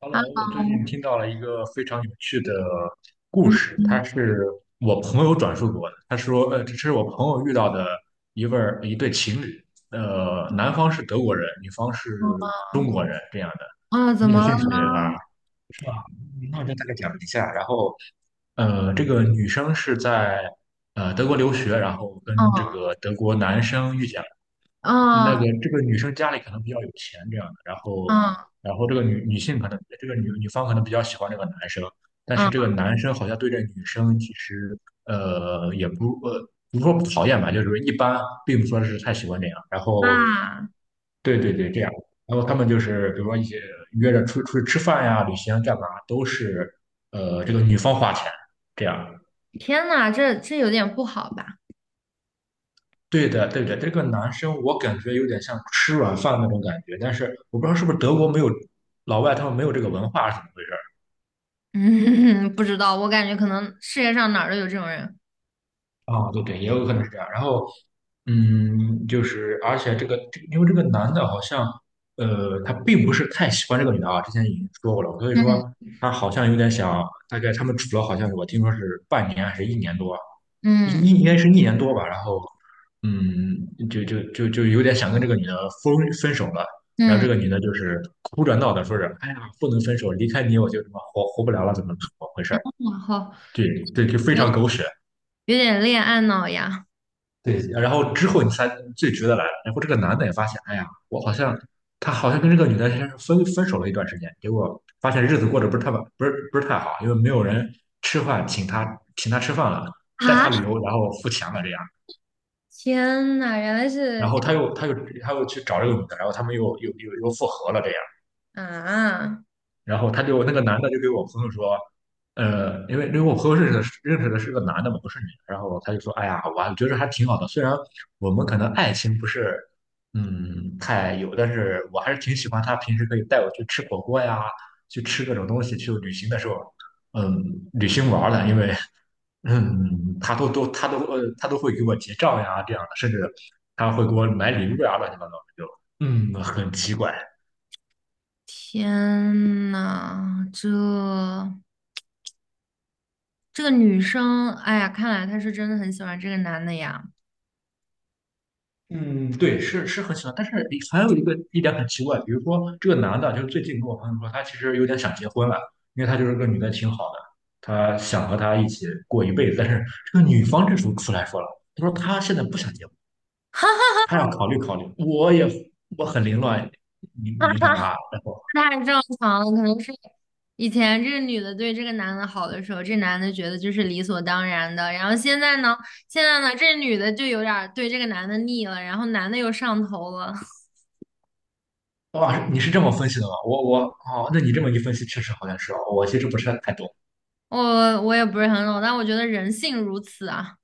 Hello，我最近 Hello，听到了一个非常有趣的故事，他嗯，是我朋友转述给我的。他说，这是我朋友遇到的一位儿一对情侣，男方是德国人，女方是中我国人，这样的。啊，怎你有么了兴趣吗？呢？是吧？那我就大概讲一下。然后，这个女生是在德国留学，然后跟这哦，个德国男生遇见那个哦，这个女生家里可能比较有钱这样的，然后嗯然后这个女性可能这个女方可能比较喜欢这个男生，但嗯是这个男生好像对这女生其实呃也不呃不是说不讨厌吧，就是一般，并不说是太喜欢这样。然后啊，对对对，这样。然后他们就是比如说一些约着出去吃饭呀、旅行啊干嘛，都是这个女方花钱这样。天呐，这有点不好吧？对的，对的，这个男生我感觉有点像吃软饭那种感觉，但是我不知道是不是德国没有老外他们没有这个文化是怎么回事嗯，不知道，我感觉可能世界上哪儿都有这种人。儿啊？对对，也有可能是这样。然后，嗯，就是而且这个因为这个男的好像他并不是太喜欢这个女的啊，之前已经说过了，所以嗯说他好像有点想，大概他们处了好像是我听说是半年还是一年多，嗯应该是一年多吧，然后嗯，就有点想跟这个女的分分手了，然后这嗯，个女的就是哭着闹着说是哎呀，不能分手，离开你我就什么活不了了，怎么回事儿然后对对，就非有常狗血。有点恋爱脑呀。对，然后之后你才最值得来了然后这个男的也发现，哎呀，我好像他好像跟这个女的先是分手了一段时间，结果发现日子过得不是太好，因为没有人吃饭请他请他吃饭了，带啊，他旅游，然后付钱了这样。天呐，原来然是后他又去找这个女的，然后他们又复合了这样，啊，然后他就那个男的就给我朋友说，因为因为我朋友认识的是个男的嘛，不是女的，然后他就说，哎呀，我觉得还挺好的，虽然我们可能爱情不是太有，但是我还是挺喜欢他平时可以带我去吃火锅呀，去吃各种东西，去旅行的时候，嗯，旅行玩儿的，因为嗯，他都会给我结账呀，这样的，甚至他会给我买礼物呀，乱七八糟的，就很奇怪。天呐，这这个女生，哎呀，看来她是真的很喜欢这个男的呀。嗯，对，是是很奇怪。但是还有一点很奇怪，比如说这个男的，就是最近跟我朋友说，他其实有点想结婚了，因为他就是个女的挺好的，他想和她一起过一辈子，但是这个女方这时候出来说了，他说他现在不想结婚，哈。他要考虑考虑。我很凌乱，你明白吧？太正常了，可能是以前这个女的对这个男的好的时候，这男的觉得就是理所当然的，然后现在呢，现在呢，这女的就有点儿对这个男的腻了，然后男的又上头了。哇，你是这么分析的吗？我哦，那你这么一分析，确实好像是哦。我其实不是太懂。我也不是很懂，但我觉得人性如此啊。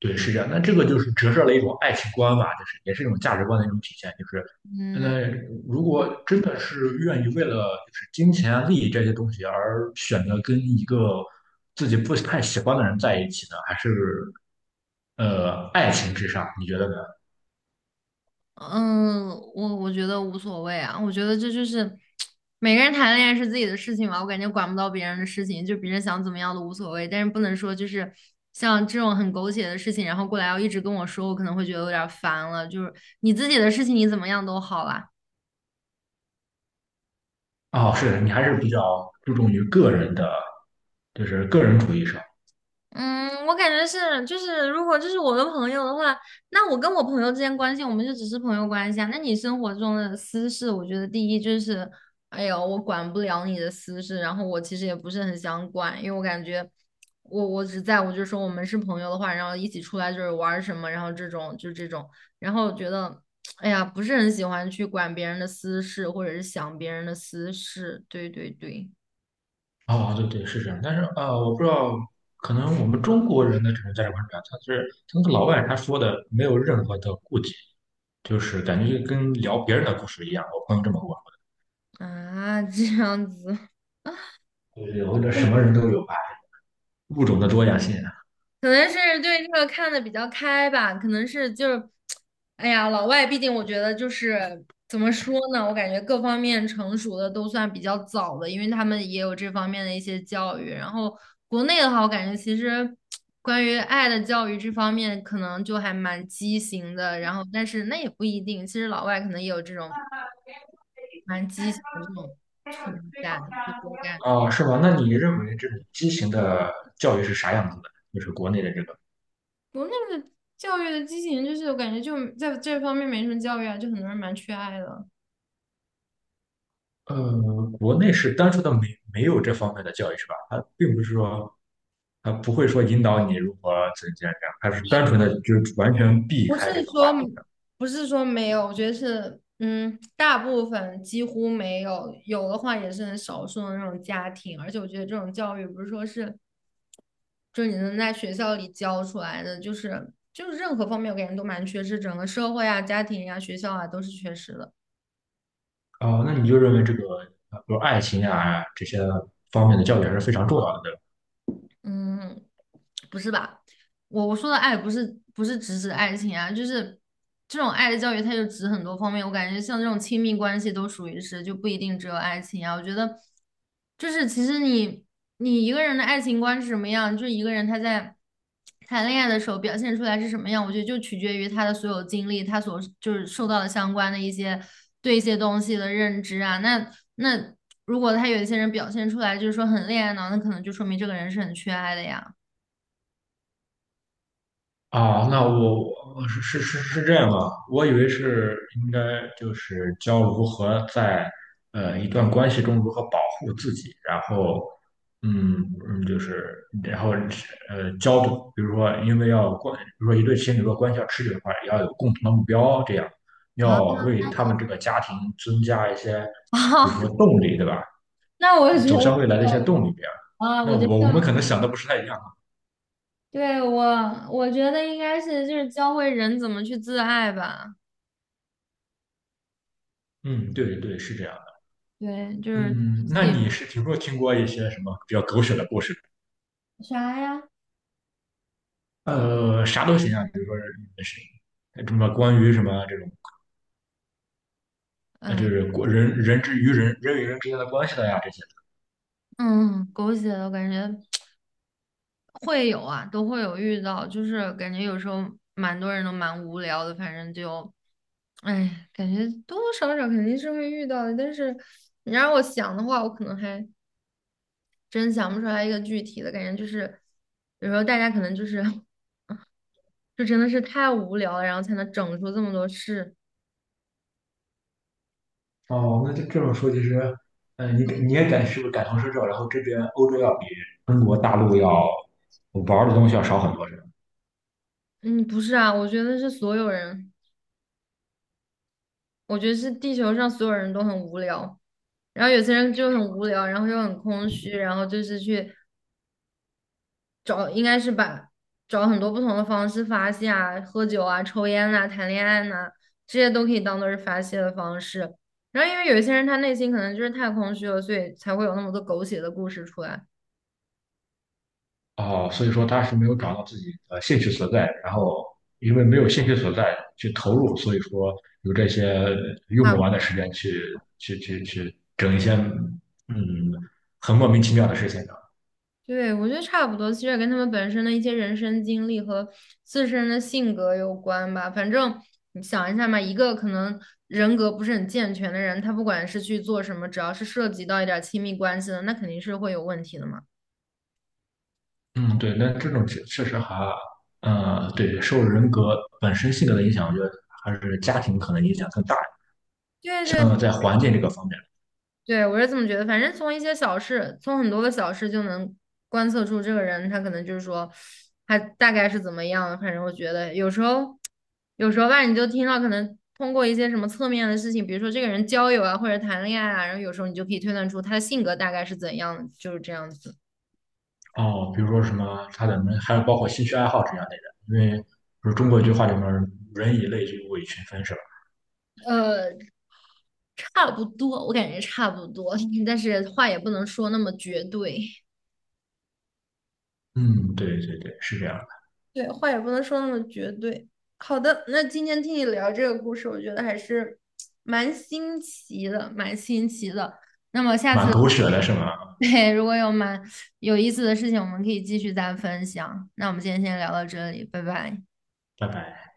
对，是这样。那这个就是折射了一种爱情观吧，就是也是一种价值观的一种体现。就是，嗯。那如果真的是愿意为了就是金钱啊、利益这些东西而选择跟一个自己不太喜欢的人在一起呢，还是爱情至上？你觉得呢？嗯，我觉得无所谓啊，我觉得这就是每个人谈恋爱是自己的事情嘛，我感觉管不到别人的事情，就别人想怎么样都无所谓，但是不能说就是像这种很狗血的事情，然后过来要一直跟我说，我可能会觉得有点儿烦了。就是你自己的事情你怎么样都好啦，哦，是的你还是比较注重于个人的，就是个人主义上。嗯，我感觉是，就是如果就是我的朋友的话，那我跟我朋友之间关系，我们就只是朋友关系啊。那你生活中的私事，我觉得第一就是，哎呦，我管不了你的私事，然后我其实也不是很想管，因为我感觉我只在乎就是说我们是朋友的话，然后一起出来就是玩儿什么，然后就这种，然后我觉得，哎呀，不是很喜欢去管别人的私事，或者是想别人的私事，对对对，啊，对对，是这样。但是啊，我不知道，可能我们中国人的这种价值观是这他是他那个老外他说的没有任何的顾忌，就是感觉就跟聊别人的故事一样。我朋友这么跟我啊，这样子。说，对对，我觉得什么人都有吧，物种的多样性可能是对这个看的比较开吧，可能是就是，哎呀，老外毕竟我觉得就是怎么说呢，我感觉各方面成熟的都算比较早的，因为他们也有这方面的一些教育。然后国内的话，我感觉其实关于爱的教育这方面可能就还蛮畸形的，然后但是那也不一定，其实老外可能也有这种蛮畸形的这种存在，对我感觉。啊，是吧？那你认为这种畸形的教育是啥样子的？就是国内的这个，我那个教育的畸形，就是我感觉就在这方面没什么教育啊，就很多人蛮缺爱的。呃，国内是单纯的没有这方面的教育是吧？他并不是说。他不会说引导你如何怎样怎样，他是单纯的就是完全避不是开这个话说题。不是说没有，我觉得是嗯，大部分几乎没有，有的话也是很少数的那种家庭。而且我觉得这种教育不是说是就是你能在学校里教出来的，就是任何方面我感觉都蛮缺失，整个社会啊、家庭呀、学校啊都是缺失的。哦，那你就认为这个，比如爱情啊这些方面的教育还是非常重要的，对吧？嗯，不是吧？我说的爱不是只指爱情啊，就是这种爱的教育，它就指很多方面。我感觉像这种亲密关系都属于是，就不一定只有爱情啊。我觉得就是其实你一个人的爱情观是什么样，就是一个人他在谈恋爱的时候表现出来是什么样，我觉得就取决于他的所有经历，他所就是受到的相关的一些对一些东西的认知啊。那如果他有一些人表现出来就是说很恋爱脑，那可能就说明这个人是很缺爱的呀。啊，那我我是这样啊，我以为是应该就是教如何在一段关系中如何保护自己，然后嗯嗯，就是然后教，比如说因为要关，比如说一对情侣如果关系要持久的话，也要有共同的目标，这样要啊。为他们这个家庭增加一些，比如说 动力，对吧？那我觉走得向未来的一些动力。啊，那我觉我们得可能想的不是太一样。对我，我觉得应该是就是教会人怎么去自爱吧。嗯，对对，是这样的。对，就是嗯，自那己你是听过一些什么比较狗血的故事？啥呀？啥都行啊，比如说是什么这种，就嗯是国人人之于与人之间的关系的呀这些。嗯，狗血的我感觉会有啊，都会有遇到，就是感觉有时候蛮多人都蛮无聊的，反正就哎，感觉多多少少肯定是会遇到的。但是你让我想的话，我可能还真想不出来一个具体的感觉，就是有时候大家可能就是 就真的是太无聊了，然后才能整出这么多事。哦，那这这种说，其实，你也感是不是感同身受？然后这边欧洲要比中国大陆要玩的东西要少很多，是吧？嗯，不是啊，我觉得是所有人，我觉得是地球上所有人都很无聊，然后有些人就很无聊，然后又很空虚，然后就是去找，应该是把找很多不同的方式发泄啊，喝酒啊、抽烟呐、谈恋爱呐、这些都可以当做是发泄的方式。然后因为有一些人他内心可能就是太空虚了，所以才会有那么多狗血的故事出来。哦，所以说他是没有找到自己的兴趣所在，然后因为没有兴趣所在去投入，所以说有这些用不完的时间去去整一些很莫名其妙的事情上。对，我觉得差不多，其实也跟他们本身的一些人生经历和自身的性格有关吧。反正你想一下嘛，一个可能人格不是很健全的人，他不管是去做什么，只要是涉及到一点儿亲密关系的，那肯定是会有问题的嘛。嗯，对，那这种确实还对受人格本身性格的影响，我觉得还是家庭可能影响更大，对对像在环境这个方面。对，我是这么觉得，反正从一些小事，从很多个小事就能观测出这个人，他可能就是说，他大概是怎么样的反正我觉得有时候，有时候吧，你就听到可能通过一些什么侧面的事情，比如说这个人交友啊，或者谈恋爱啊，然后有时候你就可以推断出他的性格大概是怎样的，就是这样子。哦，比如说什么他的门，还有包括兴趣爱好这样类的，因为不是中国一句话里面"人以类聚，物以群分"是吧？呃，差不多，我感觉差不多，但是话也不能说那么绝对。嗯，对对对，是这样，的，对，话也不能说那么绝对。好的，那今天听你聊这个故事，我觉得还是蛮新奇的，蛮新奇的。那么下蛮次，狗血的，是吗？对，如果有蛮有意思的事情，我们可以继续再分享。那我们今天先聊到这里，拜拜。拜拜。